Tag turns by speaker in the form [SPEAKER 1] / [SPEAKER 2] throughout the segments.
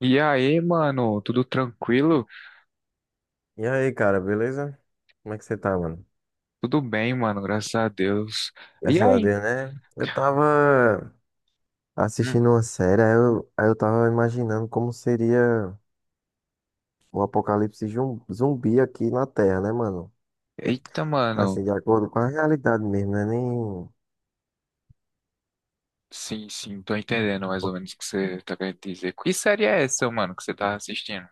[SPEAKER 1] E aí, mano, tudo tranquilo?
[SPEAKER 2] E aí, cara, beleza? Como é que você tá, mano?
[SPEAKER 1] Tudo bem, mano, graças a Deus. E
[SPEAKER 2] Graças a
[SPEAKER 1] aí?
[SPEAKER 2] Deus, né? Eu tava
[SPEAKER 1] Hum.
[SPEAKER 2] assistindo uma série, aí eu tava imaginando como seria o apocalipse zumbi aqui na Terra, né, mano?
[SPEAKER 1] Eita, mano.
[SPEAKER 2] Assim, de acordo com a realidade mesmo, né? Nem
[SPEAKER 1] Sim, sim, tô entendendo mais ou menos o que você tá querendo dizer. Que série é essa, mano, que você tá assistindo?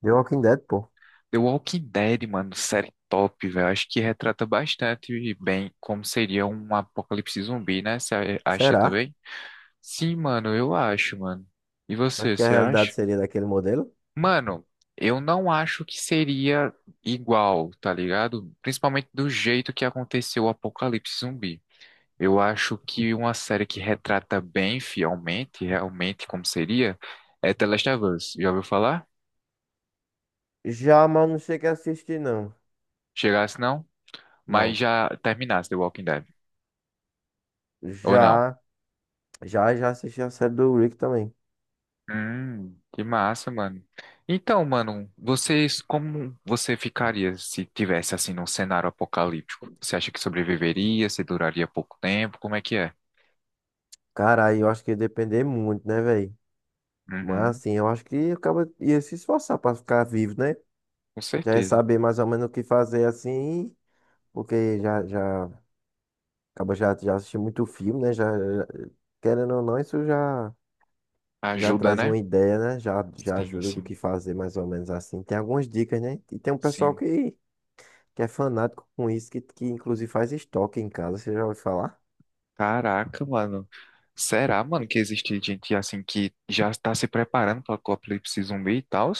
[SPEAKER 2] The Walking Dead, pô.
[SPEAKER 1] The Walking Dead, mano, série top, velho. Acho que retrata bastante bem como seria um apocalipse zumbi, né? Você acha
[SPEAKER 2] Será?
[SPEAKER 1] também? Sim, mano, eu acho, mano. E
[SPEAKER 2] Acho
[SPEAKER 1] você,
[SPEAKER 2] que a
[SPEAKER 1] você acha?
[SPEAKER 2] realidade seria daquele modelo.
[SPEAKER 1] Mano, eu não acho que seria igual, tá ligado? Principalmente do jeito que aconteceu o Apocalipse Zumbi. Eu acho que uma série que retrata bem fielmente, realmente como seria, é The Last of Us. Já ouviu falar?
[SPEAKER 2] Já, mas não cheguei a assistir, não.
[SPEAKER 1] Chegasse não? Mas
[SPEAKER 2] Não.
[SPEAKER 1] já terminasse The Walking Dead. Ou não?
[SPEAKER 2] Já, já assisti a série do Rick também.
[SPEAKER 1] Que massa, mano. Então, mano, vocês, como você ficaria se tivesse assim num cenário apocalíptico? Você acha que sobreviveria? Você duraria pouco tempo? Como é que é?
[SPEAKER 2] Cara, aí eu acho que ia depender muito, né, velho? Mas
[SPEAKER 1] Uhum,
[SPEAKER 2] assim, eu acho que acaba ia se esforçar para ficar vivo, né?
[SPEAKER 1] com
[SPEAKER 2] Já ia
[SPEAKER 1] certeza.
[SPEAKER 2] saber mais ou menos o que fazer assim, porque já acaba já assisti muito filme, né? Querendo ou não, isso já
[SPEAKER 1] Ajuda,
[SPEAKER 2] traz
[SPEAKER 1] né?
[SPEAKER 2] uma ideia, né? Já
[SPEAKER 1] Sim,
[SPEAKER 2] ajuda do
[SPEAKER 1] sim,
[SPEAKER 2] que fazer mais ou menos assim. Tem algumas dicas, né? E tem um pessoal
[SPEAKER 1] sim.
[SPEAKER 2] que é fanático com isso, que inclusive faz estoque em casa, você já ouviu falar?
[SPEAKER 1] Caraca, mano. Será, mano, que existe gente assim que já está se preparando para o apocalipse zumbi e tal?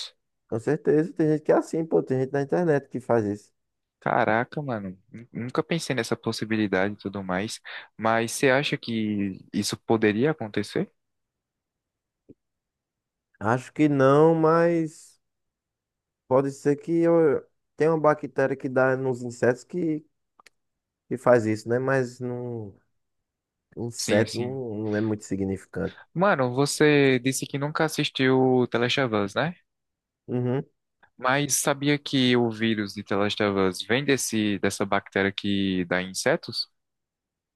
[SPEAKER 2] Com certeza, tem gente que é assim, pô, tem gente na internet que faz isso.
[SPEAKER 1] Caraca, mano. Nunca pensei nessa possibilidade e tudo mais. Mas você acha que isso poderia acontecer?
[SPEAKER 2] Acho que não, mas pode ser que eu tenha uma bactéria que dá nos insetos que faz isso, né? Mas não,
[SPEAKER 1] Sim,
[SPEAKER 2] inseto
[SPEAKER 1] sim.
[SPEAKER 2] não, não é muito significante.
[SPEAKER 1] Mano, você disse que nunca assistiu Telechavas, né?
[SPEAKER 2] Uhum.
[SPEAKER 1] Mas sabia que o vírus de Telechavas vem dessa bactéria que dá em insetos?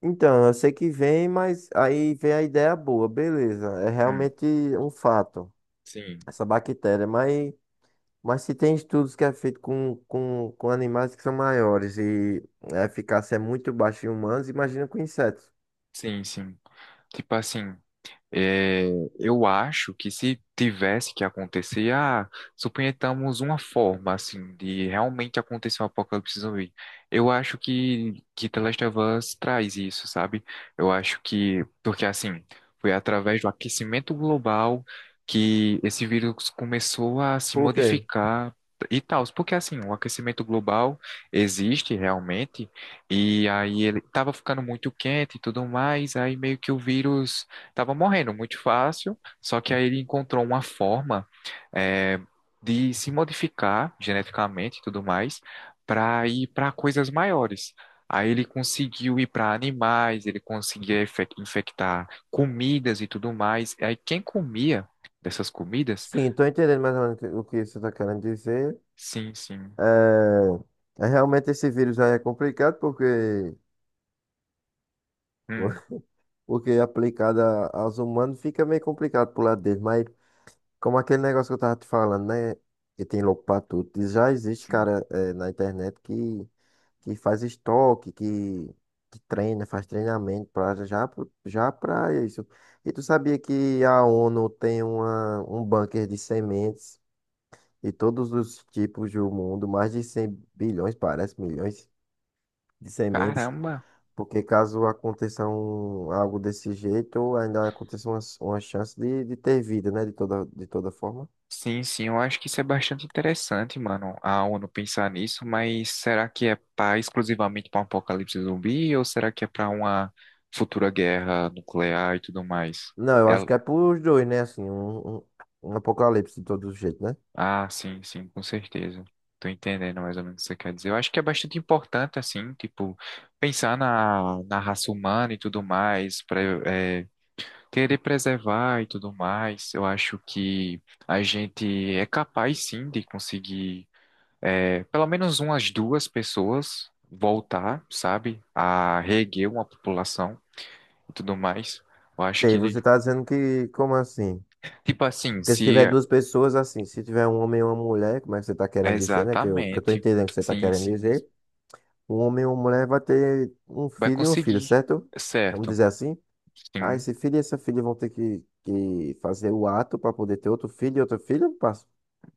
[SPEAKER 2] Então, eu sei que vem, mas aí vem a ideia boa, beleza. É
[SPEAKER 1] Hum,
[SPEAKER 2] realmente um fato,
[SPEAKER 1] sim.
[SPEAKER 2] essa bactéria. Mas se tem estudos que é feito com animais que são maiores e a eficácia é muito baixa em humanos, imagina com insetos.
[SPEAKER 1] Sim, sim. Tipo assim, é, eu acho que se tivesse que acontecer, ah, suponhamos uma forma assim de realmente acontecer um apocalipse zumbi. Eu acho que The Last of Us traz isso, sabe? Eu acho que porque assim foi através do aquecimento global que esse vírus começou a se
[SPEAKER 2] Por quê?
[SPEAKER 1] modificar e tal. Porque assim o aquecimento global existe realmente e aí ele estava ficando muito quente e tudo mais, aí meio que o vírus tava morrendo muito fácil, só que aí ele encontrou uma forma, é, de se modificar geneticamente e tudo mais para ir para coisas maiores. Aí ele conseguiu ir para animais, ele conseguia infectar comidas e tudo mais. Aí quem comia dessas comidas?
[SPEAKER 2] Sim, tô entendendo mais ou menos o que você está querendo dizer.
[SPEAKER 1] Sim, sim.
[SPEAKER 2] É realmente esse vírus aí é complicado porque,
[SPEAKER 1] Hum,
[SPEAKER 2] porque aplicado aos humanos fica meio complicado pro lado deles. Mas como aquele negócio que eu tava te falando, né? Que tem louco pra tudo. E já existe,
[SPEAKER 1] sim.
[SPEAKER 2] cara, é, na internet que faz estoque, que treina, faz treinamento pra, já, já pra isso. E tu sabia que a ONU tem uma, um bunker de sementes de todos os tipos do mundo, mais de 100 bilhões, parece, milhões de sementes.
[SPEAKER 1] Caramba!
[SPEAKER 2] Porque caso aconteça um, algo desse jeito, ainda aconteça uma chance de ter vida, né? De toda forma.
[SPEAKER 1] Sim, sim, eu acho que isso é bastante interessante, mano, a ONU pensar nisso, mas será que é para exclusivamente para um apocalipse zumbi ou será que é para uma futura guerra nuclear e tudo mais?
[SPEAKER 2] Não, eu acho
[SPEAKER 1] Ela-
[SPEAKER 2] que é pros dois, né? Assim, um apocalipse de todo jeito, né?
[SPEAKER 1] Ah, sim, sim, com certeza. Tô entendendo mais ou menos o que você quer dizer. Eu acho que é bastante importante, assim, tipo, pensar na raça humana e tudo mais, pra, é, querer preservar e tudo mais. Eu acho que a gente é capaz, sim, de conseguir. É, pelo menos umas duas pessoas voltar, sabe, a reerguer uma população e tudo mais. Eu acho
[SPEAKER 2] Sei,
[SPEAKER 1] que,
[SPEAKER 2] você tá dizendo que, como assim?
[SPEAKER 1] tipo assim,
[SPEAKER 2] Porque se
[SPEAKER 1] se
[SPEAKER 2] tiver duas pessoas, assim, se tiver um homem e uma mulher, como é que você tá querendo dizer, né? Que eu tô
[SPEAKER 1] exatamente,
[SPEAKER 2] entendendo o que você tá
[SPEAKER 1] sim,
[SPEAKER 2] querendo
[SPEAKER 1] sim,
[SPEAKER 2] dizer. Um homem e uma mulher vai ter um
[SPEAKER 1] vai
[SPEAKER 2] filho e uma filha,
[SPEAKER 1] conseguir,
[SPEAKER 2] certo? Vamos
[SPEAKER 1] certo?
[SPEAKER 2] dizer assim? Ah,
[SPEAKER 1] Sim,
[SPEAKER 2] esse filho e essa filha vão ter que fazer o ato para poder ter outro filho e outro filho.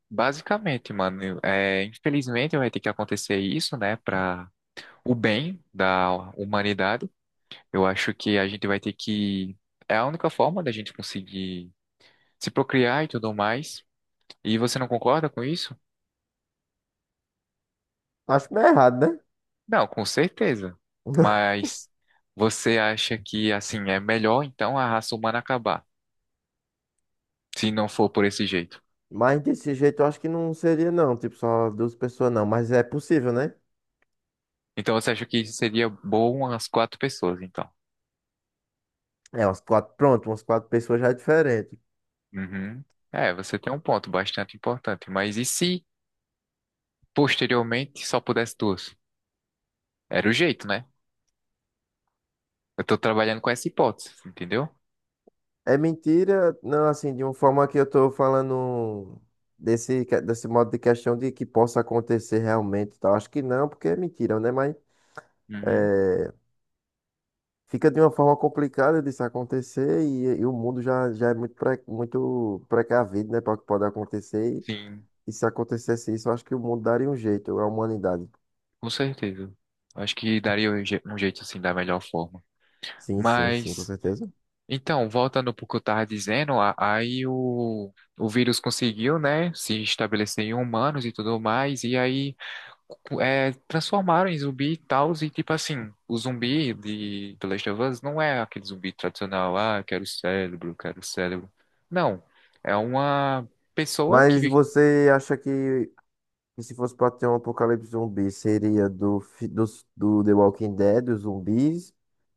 [SPEAKER 1] basicamente, mano, infelizmente vai ter que acontecer isso, né, para o bem da humanidade. Eu acho que a gente vai ter que, é a única forma da gente conseguir se procriar e tudo mais. E você não concorda com isso?
[SPEAKER 2] Acho meio errado, né?
[SPEAKER 1] Não, com certeza. Mas você acha que assim é melhor então a raça humana acabar, se não for por esse jeito?
[SPEAKER 2] Mas desse jeito eu acho que não seria, não. Tipo, só duas pessoas, não. Mas é possível, né?
[SPEAKER 1] Então você acha que seria bom as quatro pessoas, então?
[SPEAKER 2] É, umas quatro, pronto, umas quatro pessoas já é diferente.
[SPEAKER 1] Uhum. É, você tem um ponto bastante importante. Mas e se posteriormente só pudesse duas? Era o jeito, né? Eu tô trabalhando com essa hipótese, entendeu?
[SPEAKER 2] É mentira, não, assim, de uma forma que eu tô falando desse modo de questão de que possa acontecer realmente, e tal. Acho que não, porque é mentira, né? Mas
[SPEAKER 1] Uhum.
[SPEAKER 2] é, fica de uma forma complicada disso acontecer e o mundo já é muito, muito precavido, né, para o que pode acontecer. E,
[SPEAKER 1] Sim,
[SPEAKER 2] e se acontecesse isso, eu acho que o mundo daria um jeito, a humanidade.
[SPEAKER 1] com certeza. Acho que daria um um jeito assim da melhor forma.
[SPEAKER 2] Sim, sim, sim, com
[SPEAKER 1] Mas
[SPEAKER 2] certeza.
[SPEAKER 1] então, voltando para o que eu estava dizendo, aí o vírus conseguiu, né, se estabelecer em humanos e tudo mais, e aí transformaram em zumbi e tal, e tipo assim, o zumbi de The Last of Us não é aquele zumbi tradicional, ah, quero cérebro, quero cérebro. Não, é uma pessoa
[SPEAKER 2] Mas
[SPEAKER 1] que...
[SPEAKER 2] você acha que se fosse pra ter um apocalipse zumbi, seria dos do The Walking Dead, dos zumbis,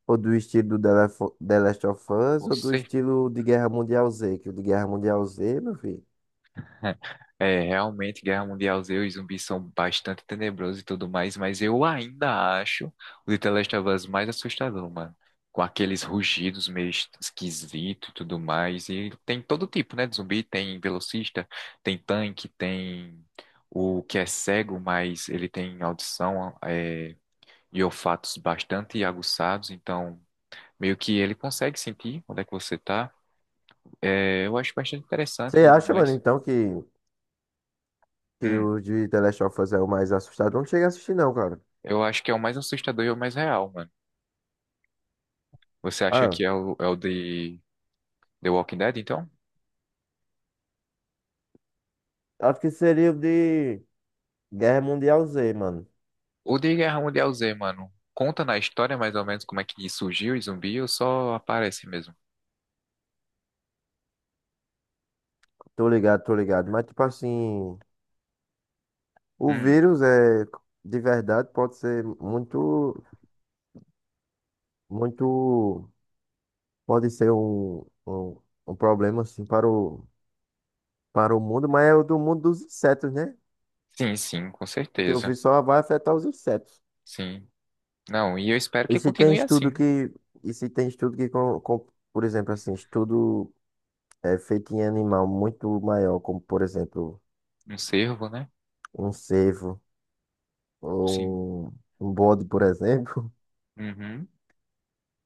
[SPEAKER 2] ou do estilo do The Last of Us, ou do
[SPEAKER 1] Você?
[SPEAKER 2] estilo de Guerra Mundial Z? Que o de Guerra Mundial Z, meu filho.
[SPEAKER 1] É, realmente, Guerra Mundial Z, os zumbis são bastante tenebrosos e tudo mais, mas eu ainda acho o The Last of Us mais assustador, mano. Com aqueles rugidos meio esquisitos e tudo mais. E tem todo tipo, né, de zumbi. Tem velocista, tem tanque, tem o que é cego, mas ele tem audição, e olfatos bastante aguçados. Então, meio que ele consegue sentir onde é que você tá. É, eu acho bastante interessante e
[SPEAKER 2] Você
[SPEAKER 1] tudo
[SPEAKER 2] acha, mano,
[SPEAKER 1] mais.
[SPEAKER 2] então, que
[SPEAKER 1] Hum.
[SPEAKER 2] o de The Last of Us é o mais assustador? Não cheguei a assistir, não, cara.
[SPEAKER 1] Eu acho que é o mais assustador e o mais real, mano. Você acha
[SPEAKER 2] Ah,
[SPEAKER 1] que é é o de The Walking Dead, então?
[SPEAKER 2] acho que seria o de Guerra Mundial Z, mano.
[SPEAKER 1] O de Guerra Mundial Z, mano, conta na história mais ou menos como é que surgiu o zumbi ou só aparece mesmo?
[SPEAKER 2] Tô ligado, tô ligado. Mas, tipo assim. O
[SPEAKER 1] Hum,
[SPEAKER 2] vírus é de verdade pode ser muito, muito, pode ser um problema assim para o mundo, mas é o do mundo dos insetos, né?
[SPEAKER 1] sim, sim, com
[SPEAKER 2] Porque o
[SPEAKER 1] certeza.
[SPEAKER 2] vírus só vai afetar os insetos.
[SPEAKER 1] Sim. Não, e eu espero
[SPEAKER 2] E
[SPEAKER 1] que
[SPEAKER 2] se tem
[SPEAKER 1] continue
[SPEAKER 2] estudo
[SPEAKER 1] assim.
[SPEAKER 2] que, e se tem estudo que, por exemplo, assim, estudo feito em animal muito maior, como por exemplo
[SPEAKER 1] Um servo, né?
[SPEAKER 2] um cervo
[SPEAKER 1] Sim.
[SPEAKER 2] ou um bode, por exemplo.
[SPEAKER 1] Uhum.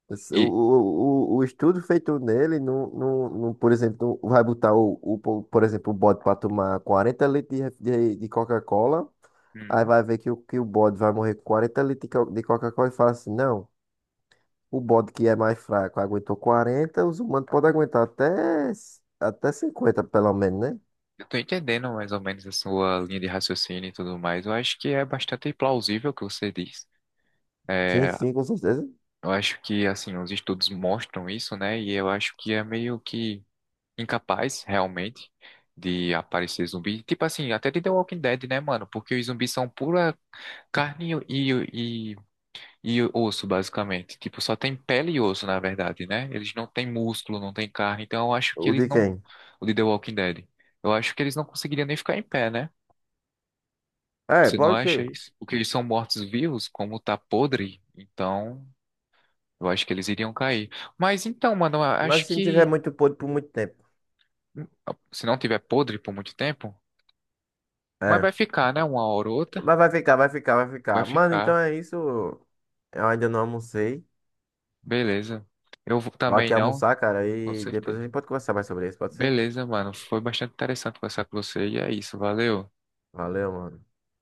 [SPEAKER 2] O,
[SPEAKER 1] E
[SPEAKER 2] o, o o estudo feito nele, não, por exemplo, não vai botar por exemplo, o bode para tomar 40 litros de Coca-Cola, aí
[SPEAKER 1] uhum.
[SPEAKER 2] vai ver que o, bode vai morrer com 40 litros de Coca-Cola e fala assim, não, o bode que é mais fraco aguentou 40, os humanos podem aguentar até 50 pelo menos, né?
[SPEAKER 1] Eu tô entendendo mais ou menos a sua linha de raciocínio e tudo mais. Eu acho que é bastante plausível o que você diz.
[SPEAKER 2] Sim,
[SPEAKER 1] É,
[SPEAKER 2] sim, com certeza.
[SPEAKER 1] eu acho que, assim, os estudos mostram isso, né? E eu acho que é meio que incapaz, realmente, de aparecer zumbi. Tipo assim, até de The Walking Dead, né, mano? Porque os zumbis são pura carne e e osso, basicamente. Tipo, só tem pele e osso, na verdade, né? Eles não têm músculo, não têm carne. Então eu acho que
[SPEAKER 2] O
[SPEAKER 1] eles
[SPEAKER 2] de
[SPEAKER 1] não...
[SPEAKER 2] quem?
[SPEAKER 1] O de The Walking Dead. Eu acho que eles não conseguiriam nem ficar em pé, né?
[SPEAKER 2] É,
[SPEAKER 1] Você não
[SPEAKER 2] pode
[SPEAKER 1] acha
[SPEAKER 2] ser.
[SPEAKER 1] isso? Porque eles são mortos-vivos, como tá podre, então... Eu acho que eles iriam cair. Mas então, mano, eu
[SPEAKER 2] Mas
[SPEAKER 1] acho
[SPEAKER 2] se não tiver
[SPEAKER 1] que
[SPEAKER 2] muito podre por muito tempo.
[SPEAKER 1] hum, se não tiver podre por muito tempo, mas vai
[SPEAKER 2] É.
[SPEAKER 1] ficar, né? Uma hora ou outra,
[SPEAKER 2] Mas vai ficar, vai ficar, vai
[SPEAKER 1] vai
[SPEAKER 2] ficar. Mano, então
[SPEAKER 1] ficar.
[SPEAKER 2] é isso. Eu ainda não almocei.
[SPEAKER 1] Beleza.
[SPEAKER 2] Vou
[SPEAKER 1] Também
[SPEAKER 2] aqui
[SPEAKER 1] não,
[SPEAKER 2] almoçar, cara,
[SPEAKER 1] com
[SPEAKER 2] e depois a
[SPEAKER 1] certeza.
[SPEAKER 2] gente pode conversar mais sobre isso, pode ser?
[SPEAKER 1] Beleza, mano. Foi bastante interessante conversar com você e é isso. Valeu.
[SPEAKER 2] Valeu, mano.